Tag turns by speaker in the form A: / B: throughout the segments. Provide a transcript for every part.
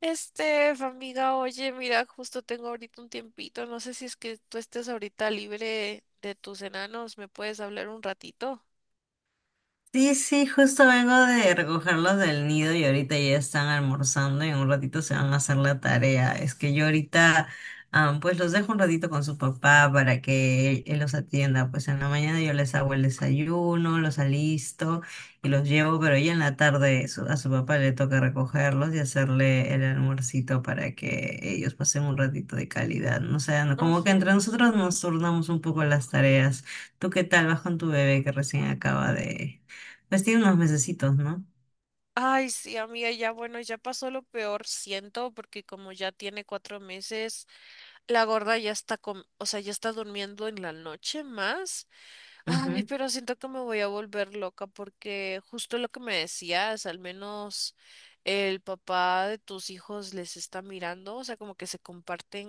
A: Amiga, oye, mira, justo tengo ahorita un tiempito, no sé si es que tú estés ahorita libre de tus enanos, ¿me puedes hablar un ratito?
B: Sí, sí, justo vengo de recogerlos del nido y ahorita ya están almorzando y en un ratito se van a hacer la tarea. Es que yo ahorita, ah, pues los dejo un ratito con su papá para que él los atienda. Pues en la mañana yo les hago el desayuno, los alisto y los llevo, pero ya en la tarde a su papá le toca recogerlos y hacerle el almuercito para que ellos pasen un ratito de calidad. No sé, no- Como que entre
A: Ujú.
B: nosotros nos turnamos un poco las tareas. ¿Tú qué tal vas con tu bebé que recién acaba de... Pues tiene unos mesecitos, ¿no?
A: Ay, sí, amiga, ya bueno, ya pasó lo peor, siento, porque como ya tiene 4 meses, la gorda ya está o sea, ya está durmiendo en la noche más. Ay,
B: Ujú,
A: pero siento que me voy a volver loca porque justo lo que me decías, al menos el papá de tus hijos les está mirando, o sea, como que se comparten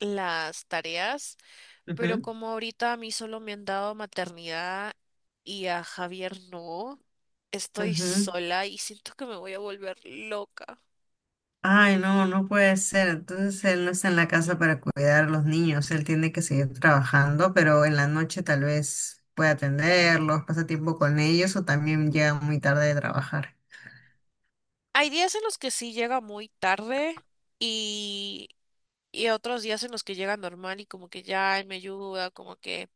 A: las tareas, pero
B: ujú,
A: como ahorita a mí solo me han dado maternidad y a Javier no, estoy
B: ujú.
A: sola y siento que me voy a volver loca.
B: Ay, no, no puede ser. Entonces él no está en la casa para cuidar a los niños. Él tiene que seguir trabajando, pero en la noche tal vez pueda atenderlos, pasa tiempo con ellos o también llega muy tarde de trabajar.
A: Hay días en los que sí llega muy tarde y Y otros días en los que llega normal y como que ya "Ay, me ayuda", como que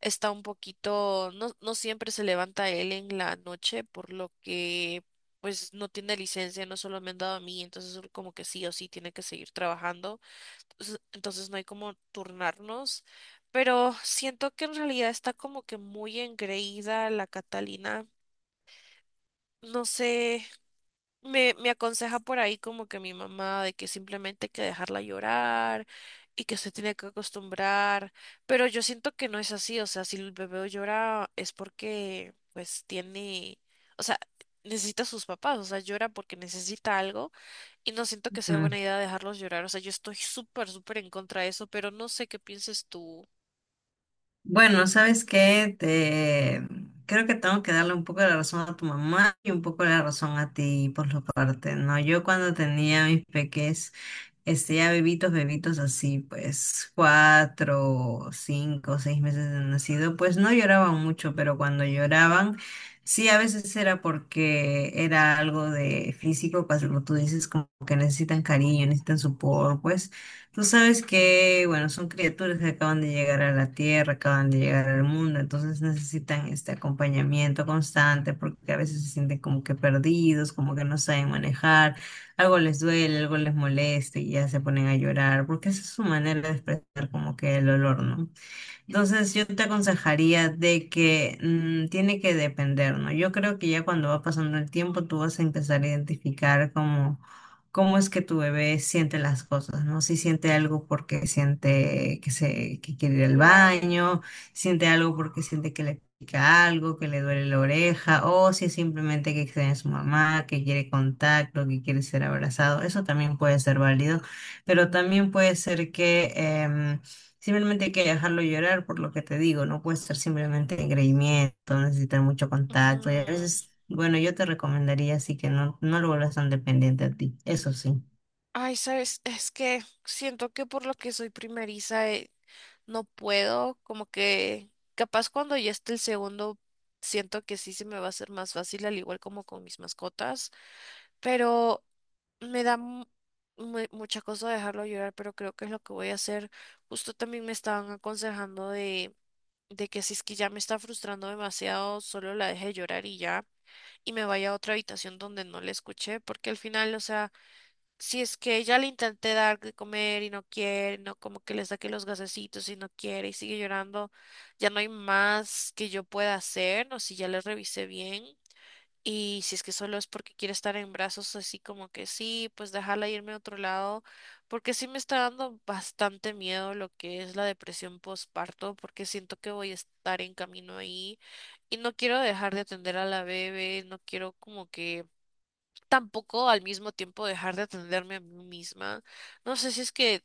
A: está un poquito, no siempre se levanta él en la noche, por lo que pues no tiene licencia, no solo me han dado a mí, entonces él como que sí o sí tiene que seguir trabajando. Entonces no hay como turnarnos, pero siento que en realidad está como que muy engreída la Catalina. No sé. Me aconseja por ahí como que mi mamá de que simplemente hay que dejarla llorar y que se tiene que acostumbrar, pero yo siento que no es así, o sea, si el bebé llora es porque pues tiene, o sea, necesita a sus papás, o sea, llora porque necesita algo y no siento que sea
B: Ujú.
A: buena idea dejarlos llorar, o sea, yo estoy súper, súper en contra de eso, pero no sé qué pienses tú.
B: Bueno, ¿sabes qué? Te... Creo que tengo que darle un poco de la razón a tu mamá y un poco de la razón a ti por su parte, ¿no? Yo cuando tenía mis peques. Este, ya bebitos, bebitos así, pues 4, 5, 6 meses de nacido, pues no lloraban mucho, pero cuando lloraban, sí, a veces era porque era algo de físico, pues como tú dices, como que necesitan cariño, necesitan support, pues tú sabes que, bueno, son criaturas que acaban de llegar a la tierra, acaban de llegar al mundo, entonces necesitan este acompañamiento constante porque a veces se sienten como que perdidos, como que no saben manejar, algo les duele, algo les molesta y ya se ponen a llorar, porque esa es su manera de expresar como que el dolor, ¿no? Entonces, yo te aconsejaría de que tiene que depender, ¿no? Yo creo que ya cuando va pasando el tiempo, tú vas a empezar a identificar cómo, cómo es que tu bebé siente las cosas, ¿no? Si siente algo porque siente que se, que quiere ir al
A: Claro.
B: baño, siente algo porque siente que le pica algo, que le duele la oreja, o si es simplemente que extraña a su mamá, que quiere contacto, que quiere ser abrazado. Eso también puede ser válido, pero también puede ser que simplemente hay que dejarlo llorar por lo que te digo, no puede ser simplemente engreimiento, necesitar mucho
A: Ujú.
B: contacto y a veces, bueno, yo te recomendaría así que no, no lo vuelvas tan dependiente a ti, eso sí.
A: Ay, sabes, es que siento que por lo que soy primeriza. No puedo, como que capaz cuando ya esté el segundo, siento que sí se me va a hacer más fácil, al igual como con mis mascotas, pero me da mucha cosa dejarlo llorar, pero creo que es lo que voy a hacer. Justo también me estaban aconsejando de que si es que ya me está frustrando demasiado, solo la deje llorar y ya, y me vaya a otra habitación donde no le escuché, porque al final, o sea... Si es que ya le intenté dar de comer y no quiere, no como que le saqué los gasecitos y no quiere y sigue llorando, ya no hay más que yo pueda hacer, no si ya le revisé bien y si es que solo es porque quiere estar en brazos así como que sí, pues déjala irme a otro lado, porque sí me está dando bastante miedo lo que es la depresión postparto, porque siento que voy a estar en camino ahí y no quiero dejar de atender a la bebé, no quiero como que tampoco al mismo tiempo dejar de atenderme a mí misma. No sé si es que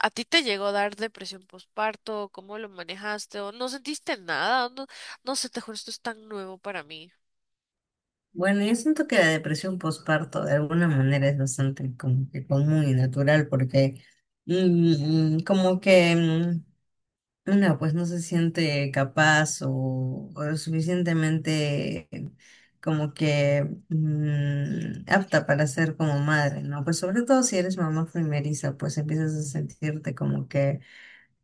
A: a ti te llegó a dar depresión postparto, cómo lo manejaste, o no sentiste nada, no, no sé, te juro, esto es tan nuevo para mí.
B: Bueno, yo siento que la depresión postparto de alguna manera es bastante como que común y natural porque mm, como que mm, una, pues no se siente capaz o lo suficientemente como que apta para ser como madre, ¿no? Pues sobre todo si eres mamá primeriza, pues empiezas a sentirte como que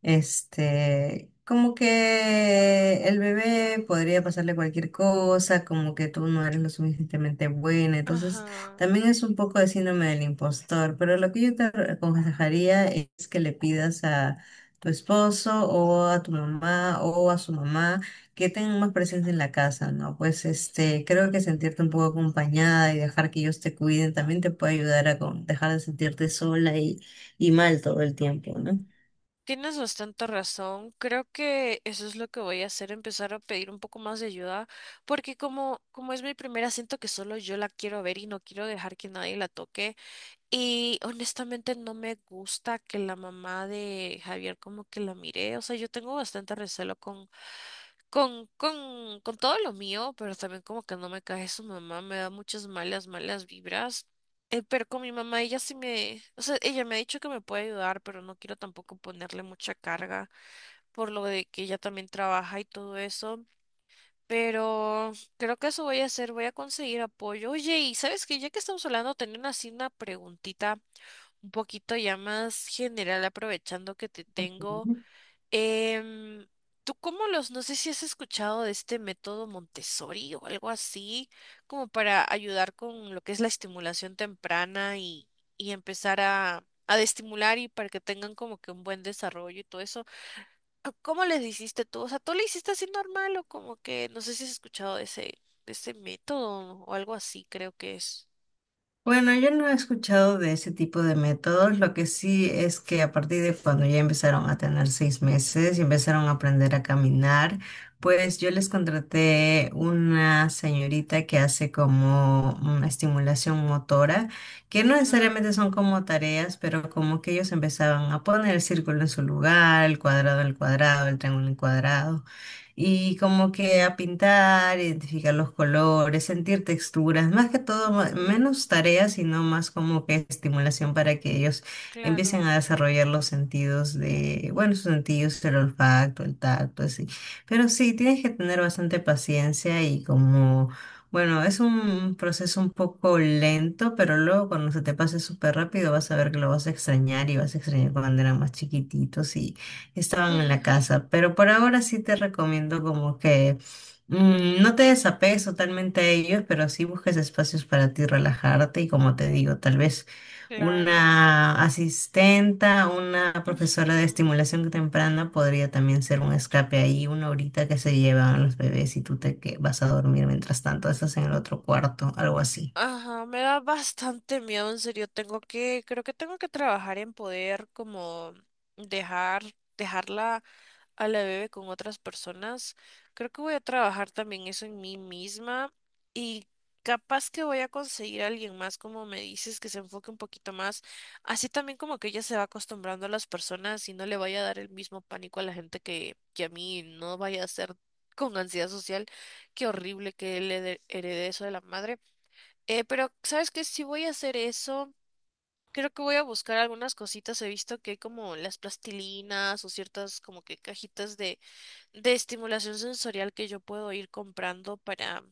B: este, como que el bebé podría pasarle cualquier cosa, como que tú no eres lo suficientemente buena. Entonces,
A: Ajá.
B: también es un poco de síndrome del impostor, pero lo que yo te aconsejaría es que le pidas a tu esposo o a tu mamá o a su mamá que tengan más presencia en la casa, ¿no? Pues este, creo que sentirte un poco acompañada y dejar que ellos te cuiden también te puede ayudar a dejar de sentirte sola y mal todo el tiempo, ¿no?
A: Tienes bastante razón. Creo que eso es lo que voy a hacer, empezar a pedir un poco más de ayuda, porque como, como es mi primera, siento que solo yo la quiero ver y no quiero dejar que nadie la toque. Y honestamente no me gusta que la mamá de Javier como que la mire. O sea, yo tengo bastante recelo con, con todo lo mío, pero también como que no me cae su mamá, me da muchas malas, malas vibras. Pero con mi mamá, ella sí me, o sea, ella me ha dicho que me puede ayudar, pero no quiero tampoco ponerle mucha carga por lo de que ella también trabaja y todo eso. Pero creo que eso voy a hacer, voy a conseguir apoyo. Oye, y sabes que ya que estamos hablando, tenía una- así una preguntita un poquito ya más general, aprovechando que te tengo. em, ¿Tú cómo los, no sé si has escuchado de este método Montessori o algo así, como para ayudar con lo que es la estimulación temprana y empezar a estimular y para que tengan como que un buen desarrollo y todo eso? ¿Ah, ¿cómo les hiciste tú? O sea, ¿tú le hiciste así normal o como que, no sé si has escuchado de ese método o algo así, creo que es.
B: Bueno, yo no he escuchado de ese tipo de métodos. Lo que sí es que a partir de cuando ya empezaron a tener 6 meses y empezaron a aprender a caminar, pues yo les contraté una señorita que hace como una estimulación motora, que no
A: Ajá,
B: necesariamente son como tareas, pero como que ellos empezaban a poner el círculo en su lugar, el cuadrado en el cuadrado, el triángulo en el cuadrado y como que a pintar, identificar los colores, sentir texturas, más que todo,
A: ujú,
B: menos tareas, sino más como que estimulación para que ellos empiecen
A: claro.
B: a desarrollar los sentidos de, bueno, sus sentidos, el olfato, el tacto, así. Pero sí, tienes que tener bastante paciencia y como... Bueno, es un proceso un poco lento, pero luego cuando se te pase súper rápido vas a ver que lo vas a extrañar y vas a extrañar cuando eran más chiquititos, estaban en la
A: Ay.
B: casa. Pero por ahora sí te recomiendo como que no te desapegues totalmente a ellos, pero sí busques espacios para ti relajarte y como te digo, tal vez
A: Claro.
B: una asistenta, una
A: Ujú.
B: profesora de estimulación temprana podría también ser un escape ahí, una horita que se llevan los bebés y tú vas a dormir mientras tanto, estás en el otro cuarto, algo así.
A: Ajá, me da bastante miedo, en serio. Tengo que, creo que tengo que trabajar en poder como dejar, dejarla. A la bebé con otras personas, creo que voy a trabajar también eso en mí misma y capaz que voy a conseguir a alguien más, como me dices, que se enfoque un poquito más, así también como que ella se va acostumbrando a las personas y no le vaya a dar el mismo pánico a la gente que a mí no vaya a ser con ansiedad social, qué horrible que le de- herede eso de la madre. Pero, ¿sabes qué? Si voy a hacer eso... Creo que voy a buscar algunas cositas. He visto que hay como las plastilinas o ciertas como que cajitas de estimulación sensorial que yo puedo ir comprando para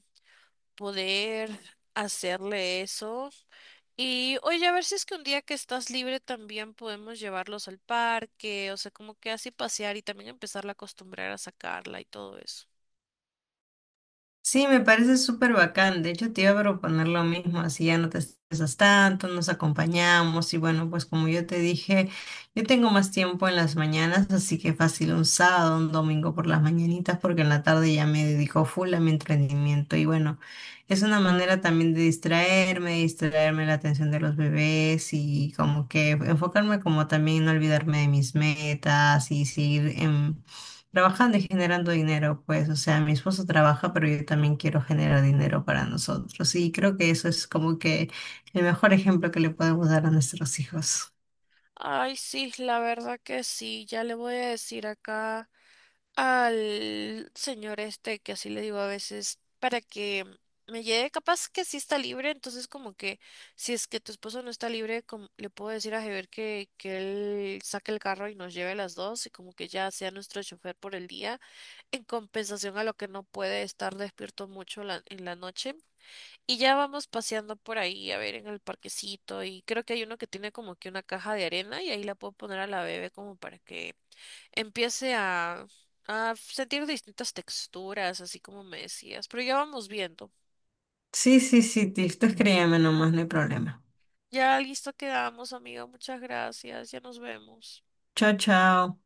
A: poder hacerle eso. Y oye, a ver si es que un día que estás libre también podemos llevarlos al parque, o sea, como que así pasear y también empezarla a acostumbrar a sacarla y todo eso.
B: Sí, me parece súper bacán. De hecho, te iba a proponer lo mismo, así ya no te estresas tanto, nos acompañamos y bueno, pues como yo te dije, yo tengo más tiempo en las mañanas, así que fácil un sábado, un domingo por las mañanitas, porque en la tarde ya me dedico full a mi emprendimiento y bueno, es una manera también de distraerme, distraerme la atención de los bebés y como que enfocarme como también no olvidarme de mis metas y seguir en trabajando y generando dinero, pues, o sea, mi esposo trabaja, pero yo también quiero generar dinero para nosotros. Y creo que eso es como que el mejor ejemplo que le podemos dar a nuestros hijos.
A: Ay, sí, la verdad que sí, ya le voy a decir acá. Al señor este, que así le digo a veces, para que me lleve, capaz que sí está libre, entonces como que si es que tu esposo no está libre, como- le puedo decir a Javier que él saque el carro y nos lleve a las dos y como que ya sea nuestro chofer por el día, en compensación a lo que no puede estar despierto mucho la- en la noche. Y ya vamos paseando por ahí, a ver, en el parquecito y creo que hay uno que tiene como que una caja de arena y ahí la puedo poner a la bebé como para que empiece a sentir distintas texturas, así como me decías. Pero ya vamos viendo.
B: Sí, sí, sí, Tiff, tú escríbeme nomás, no hay problema.
A: Ya listo quedamos, amigo. Muchas gracias. Ya nos vemos.
B: Chao, chao.